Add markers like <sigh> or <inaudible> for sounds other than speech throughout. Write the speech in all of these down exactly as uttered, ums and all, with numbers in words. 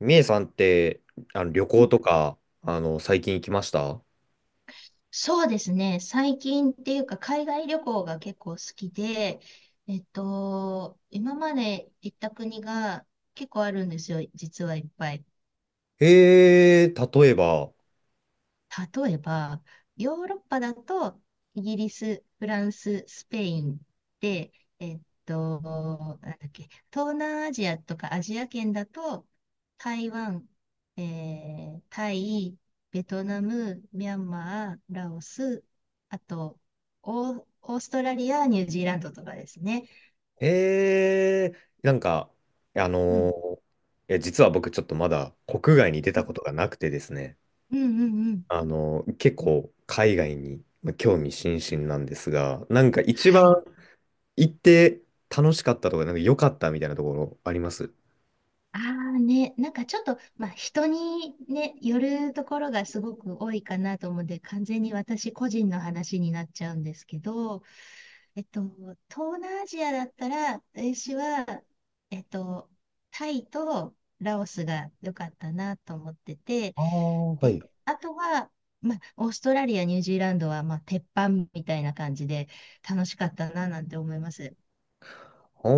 みえさんって、あの、旅う行んとか、あの、最近行きました？そうですね。最近っていうか、海外旅行が結構好きで、えっと、今まで行った国が結構あるんですよ、実はいっぱい。えー、例えば？例えば、ヨーロッパだと、イギリス、フランス、スペインで、えっと、なんだっけ、東南アジアとかアジア圏だと、台湾、えータイ、ベトナム、ミャンマー、ラオス、あと、オー、オーストラリア、ニュージーランドとかですね。えー、なんか、あのうん。ーいや、実は僕ちょっとまだ国外に出うたんことがなくてですね、うんうんうん。あのー結構海外にまあ興味津々なんですが、なんか一番はい。行って楽しかったとか、なんか良かったみたいなところあります？ああね、なんかちょっと、まあ、人にね、よるところがすごく多いかなと思うんで、完全に私個人の話になっちゃうんですけど、えっと、東南アジアだったら、私は、えっと、タイとラオスが良かったなと思ってて、ああー、はで、い。あとは、まあ、オーストラリア、ニュージーランドは、まあ、鉄板みたいな感じで楽しかったななんて思います。あ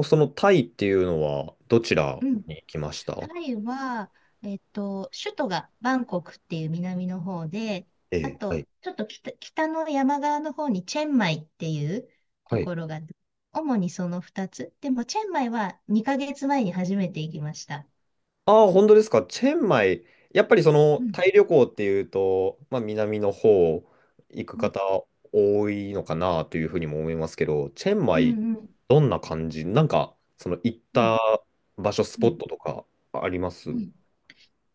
あ、そのタイっていうのはどちらうん。に行きましタた？イは、えっと、首都がバンコクっていう南の方で、えあえ、はと、い。ちょっと北、北の山側の方にチェンマイっていうとはい。ころが、主にそのふたつ。でも、チェンマイはにかげつまえに初めて行きました。ああ、本当ですか。チェンマイ。やっぱりそのうタん、イ旅行っていうと、まあ、南の方行くうん、方多いのかなというふうにも思いますけど、チェンうマイ、ん、うん、どんな感じ、なんか、その行っうん、た場所、スうポッん。トとかあります？うん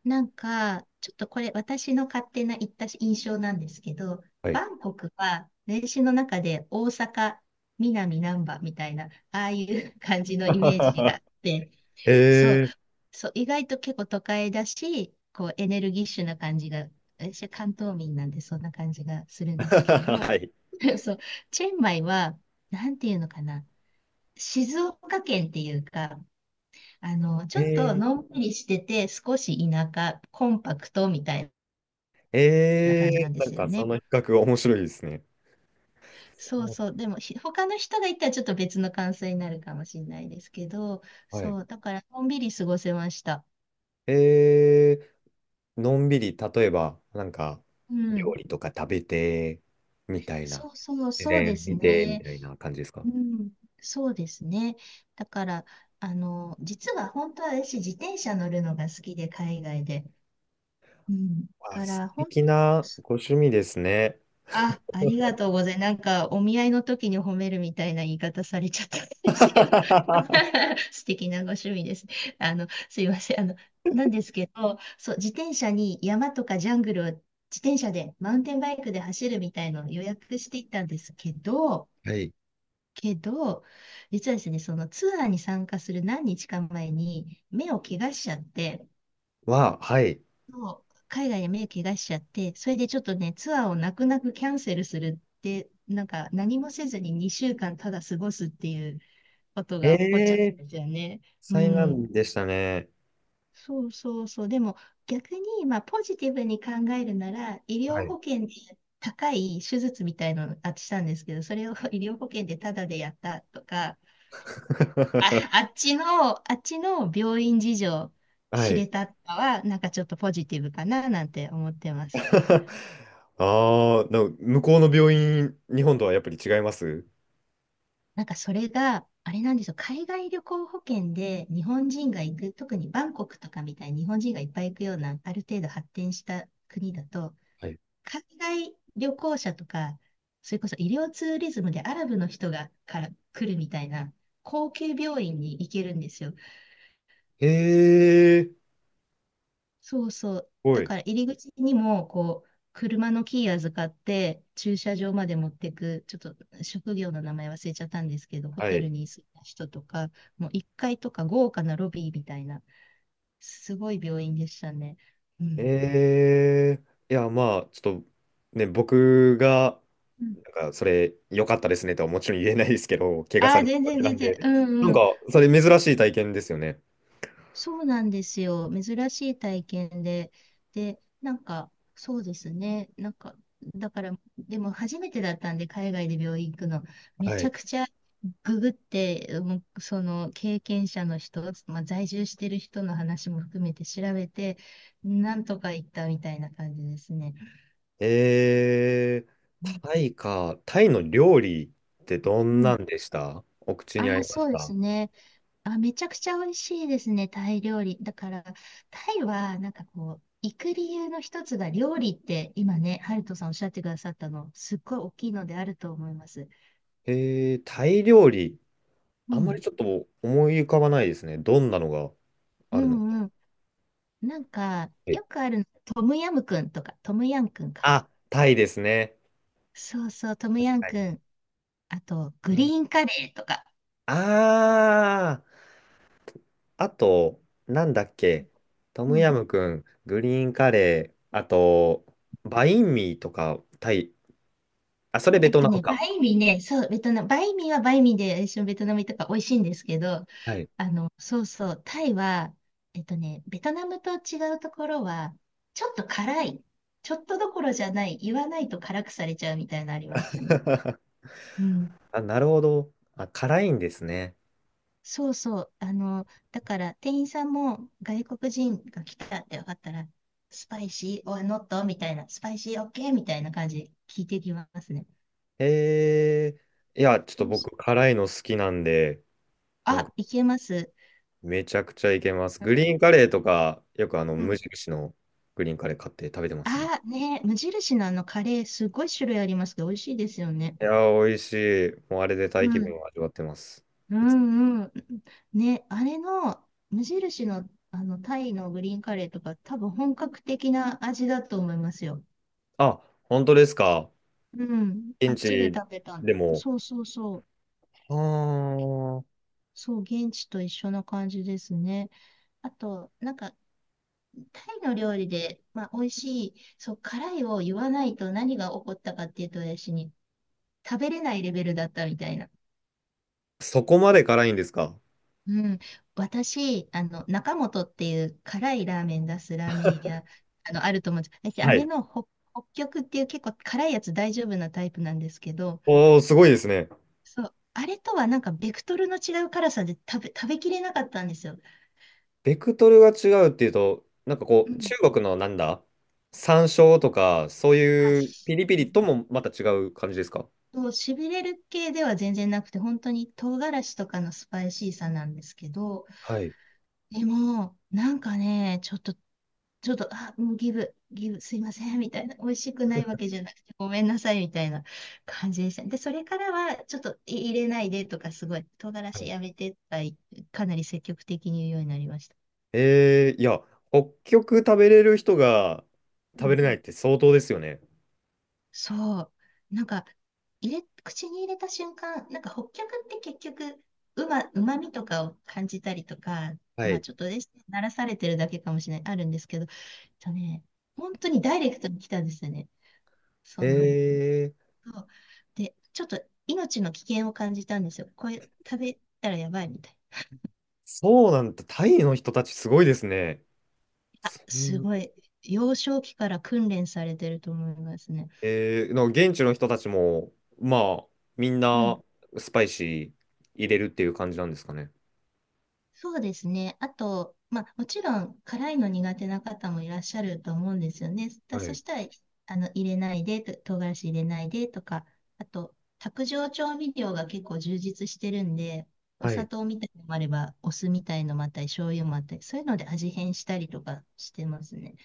なんか、ちょっとこれ私の勝手な言った印象なんですけど、はい。バンコクは年史の中で大阪、南難波みたいな、ああいう感じのイメージがあっ <laughs> て、そう、えー。そう、意外と結構都会だし、こうエネルギッシュな感じが、私は関東民なんでそんな感じがするん <laughs> ですけど、はい。<laughs> そう、チェンマイは、なんていうのかな、静岡県っていうか、あの、ちょっとえのんびりしてて、少し田舎、コンパクトみたいー、なえ感じなんでー、なんすよかそね。の比較面白いですね。そうそう。でも、ひ他の人が行ったらちょっと別の感想になるかもしれないですけど、はい。そう、だからのんびり過ごせました。えー、のんびり、例えば、なんか、う料ん。理とか食べて、みたいな、そうそう、自そうで然す見て、みね。たいな感じですか？うん。そうですね。だから、あの、実は本当は私、自転車乗るのが好きで、海外で。うん。だあ、か素ら、本敵なご趣味ですね。あ、ありがとうございます。なんか、お見合いの時に褒めるみたいな言い方されちゃったんですけど、<laughs> <laughs> 素敵なご趣味です。あの、すいません。あの、なんですけど、そう、自転車に山とかジャングルを自転車で、マウンテンバイクで走るみたいのを予約していったんですけど、はい。けど、実はですね、そのツアーに参加する何日か前に目を怪我しちゃって、は、はい。そう、海外で目怪我しちゃって、それでちょっとね、ツアーを泣く泣くキャンセルするって、なんか何もせずににしゅうかんただ過ごすっていうことえが起こっちゃっえー、たんですよね。う災ん。難でしたね。そうそうそう。でも逆に、まあポジティブに考えるなら、医は療い。保険で高い手術みたいのあっしたんですけど、それを <laughs> 医療保険でタダでやったとか、あ、あ <laughs> っちの、あっちの病院事情は知い。れたかは、なんかちょっとポジティブかななんて思ってます。<laughs> ああ、でも向こうの病院、日本とはやっぱり違います？なんかそれが、あれなんですよ、海外旅行保険で日本人が行く、特にバンコクとかみたいに日本人がいっぱい行くような、ある程度発展した国だと、はい。海外旅行者とか、それこそ医療ツーリズムでアラブの人がから来るみたいな、高級病院に行けるんですよ。ええー、すそうそう。ごだい。から入り口にも、こう、車のキー預かって、駐車場まで持ってく、ちょっと職業の名前忘れちゃったんですけど、ホはテい。ルに住んだ人とか、もういっかいとか豪華なロビーみたいな、すごい病院でしたね。うん。えー、いや、まあ、ちょっとね、僕が、うんなんか、それ、良かったですねとはもちろん言えないですけど、怪我あさあ、れた全わ然けな全ん然。で、うなんんうん。か、それ、珍しい体験ですよね。そうなんですよ。珍しい体験で。で、なんか、そうですね。なんか、だから、でも初めてだったんで、海外で病院行くの、めはちゃい。くちゃググって、うんその経験者の人、まあ、在住してる人の話も含めて調べて、なんとか行ったみたいな感じですね。えうー、ん。タイか、タイの料理ってどうんなん。んでした？お口あに合あ、いましそうでた？すね。あ、めちゃくちゃ美味しいですね、タイ料理。だから、タイは、なんかこう、行く理由の一つが料理って、今ね、ハルトさんおっしゃってくださったの、すっごい大きいのであると思います。えー、タイ料理、うあんまん。りちょっと思い浮かばないですね。どんなのがうあるのか。んうん。なんか、えよくあるの、トムヤムクンとか、トムヤンクンか。あ、タイですね。そうそう、トム確ヤンかクン。あと、グリに。ーンカレーとか。ああー。あと、なんだっけ、トうムヤんム君、グリーンカレー、あと、バインミーとか、タイ、あ、それベえっトとナムね、バか。インミーね、そう、ベトナム、バインミーはバインミーで、一緒にベトナムとか美味しいんですけど、はい。あの、そうそう、タイは、えっとね、ベトナムと違うところは、ちょっと辛い。ちょっとどころじゃない。言わないと辛くされちゃうみたいなのありますね。<laughs> うん。あ、なるほど。あ、辛いんですね。そうそう。あの、だから店員さんも外国人が来たって分かったら、スパイシー、オアノットみたいな、スパイシーオッケーみたいな感じで聞いてきますね。へえ。いや、ちょっとそうそ僕、う。辛いの好きなんで、なんあ、か、いけます。めちゃくちゃいけます。うグん。リーンカレーとか、よくあの、う無ん。印のグリーンカレー買って食べてますね。ああ、ね、無印のあのカレー、すごい種類ありますけど、美味しいですよね。いやー、美味しい。もうあれでタイう気分ん、を味わってます。ういつん、うん。ね、あれの、無印の、あの、タイのグリーンカレーとか、多分本格的な味だと思いますよ。あ、本当ですか？うん、あ現っちで地食べたの。でも。そうそうそう。あー、そう、現地と一緒な感じですね。あと、なんか、タイの料理で、まあ、美味しい、そう、辛いを言わないと何が起こったかっていうと、私に、食べれないレベルだったみたいな。そこまで辛いんですか。うん、私、あの、中本っていう辛いラーメン出すラーメン屋、あの、あると思うんです。私、あはれい。の北、北極っていう結構辛いやつ大丈夫なタイプなんですけど、おー、すごいですね。そう、あれとはなんかベクトルの違う辛さで食べ、食べきれなかったんですよ。ベクトルが違うっていうと、なんかこうう、ん。中国のなんだ、山椒とか、そうあ、いうピしリピリともまた違う感じですか？そう、しびれる系では全然なくて、本当に唐辛子とかのスパイシーさなんですけど、はい。でも、なんかね、ちょっとちょっと、あ、もうギブ、ギブ、すいません、みたいな、美味しくないわけじゃなくて、ごめんなさい、みたいな感じでした。で、それからは、ちょっとい入れないでとか、すごい、唐辛子はい。やめてとか、かなり積極的に言うようになりました。えー、いや、北極食べれる人がう食べん。れないって相当ですよね。そう。なんか、入れ、口に入れた瞬間、なんか、北極って結局、うま、うまみとかを感じたりとか、はまあ、い。ちょっとですね、慣らされてるだけかもしれない、あるんですけど、えっとね、本当にダイレクトに来たんですよね。そへう。えー、そう。で、ちょっと命の危険を感じたんですよ。これ食べたらやばいみたい。そうなんだ。タイの人たちすごいですね。あ、そんすな。ごい。幼少期から訓練されてると思いますね。えー、なんか現地の人たちも、まあ、みんうん。なスパイシー入れるっていう感じなんですかね。そうですね。あと、まあ、もちろん辛いの苦手な方もいらっしゃると思うんですよね。だはそい。したら、あの、入れないでと、唐辛子入れないでとか、あと、卓上調味料が結構充実してるんで、おは砂い。糖みたいのもあれば、お酢みたいのもあったり、醤油もあったり、そういうので味変したりとかしてますね。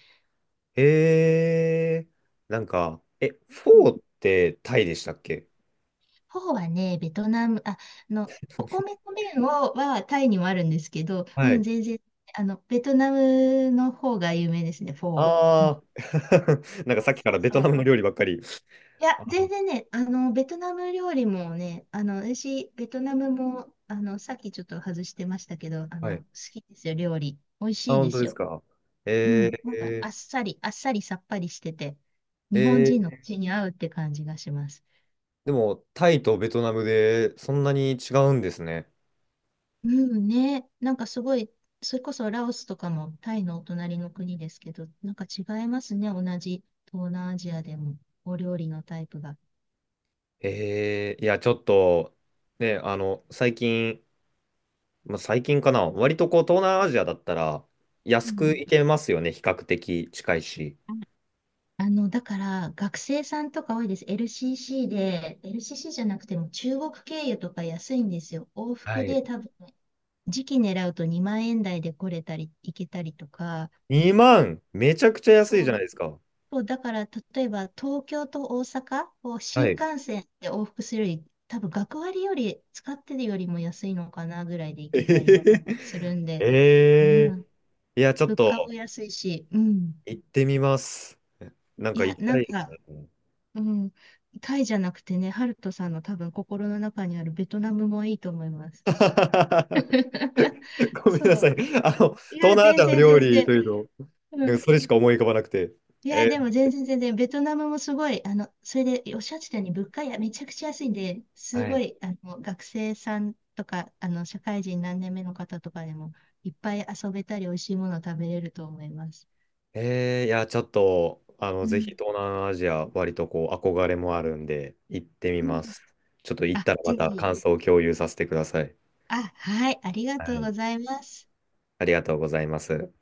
えー、なんか、え、フォーってタイでしたっけ？フォーはね、ベトナム、あ、あの、お米の麺をはタイにもあるんですけど、はうん、い。全然、あの、ベトナムの方が有名ですね、フォー。うん。あー <laughs> なんかそうさっきかそらベトうそナう。ムの料理ばっかり。いや、あ、全然ね、あの、ベトナム料理もね、あの、私、ベトナムも、あの、さっきちょっと外してましたけど、あはの、い。好きですよ、料理。美味あ、しい本で当すですよ。か。うえん。ー、なんか、あっさり、あっさりさっぱりしてて、日本え人のー、口に合うって感じがします。でも、タイとベトナムでそんなに違うんですね。うんね、なんかすごい、それこそラオスとかもタイのお隣の国ですけど、なんか違いますね、同じ東南アジアでも、お料理のタイプが。えー、いや、ちょっと、ね、あの、最近、まあ、最近かな、割とこう東南アジアだったらう安くん。行けますよね、比較的近いし。ああの、だから、学生さんとか多いです。エルシーシー で、エルシーシー じゃなくても中国経由とか安いんですよ。往は復い。で多分、時期狙うとにまん円台で来れたり、行けたりとか、にまん、めちゃくちゃ安いじゃそないうですか。そう、だから、例えば、東京と大阪をは新い。幹線で往復するより、多分、学割より、使ってるよりも安いのかなぐらいで行けたりえするんー、で、うえーん、いや、ちょっ物と価も安いし、うん。行ってみます。なんいかや、行きなたんいでか、すね。うん、タイじゃなくてね、ハルトさんの多分、心の中にあるベトナムもいいと思います。<laughs> <laughs> ごめんなそさい。う。あの、東いや、南ア全ジアの然料全理然。というと、なうんかんそれしか思い浮かばなくて。いや、えでもー全然全然、ベトナムもすごい、あの、それでおっしゃってたように物価やめちゃくちゃ安いんで、すはごい。い、あの、学生さんとか、あの、社会人何年目の方とかでも、いっぱい遊べたり、美味しいもの食べれると思います。えー、いや、ちょっと、あの、うぜひん。東南アジア、割とこう、憧れもあるんで、行ってみうんます。ちょっと行っあ、たらまぜたひ。感想を共有させてください。あ、はい、ありがはとうい。ございます。ありがとうございます。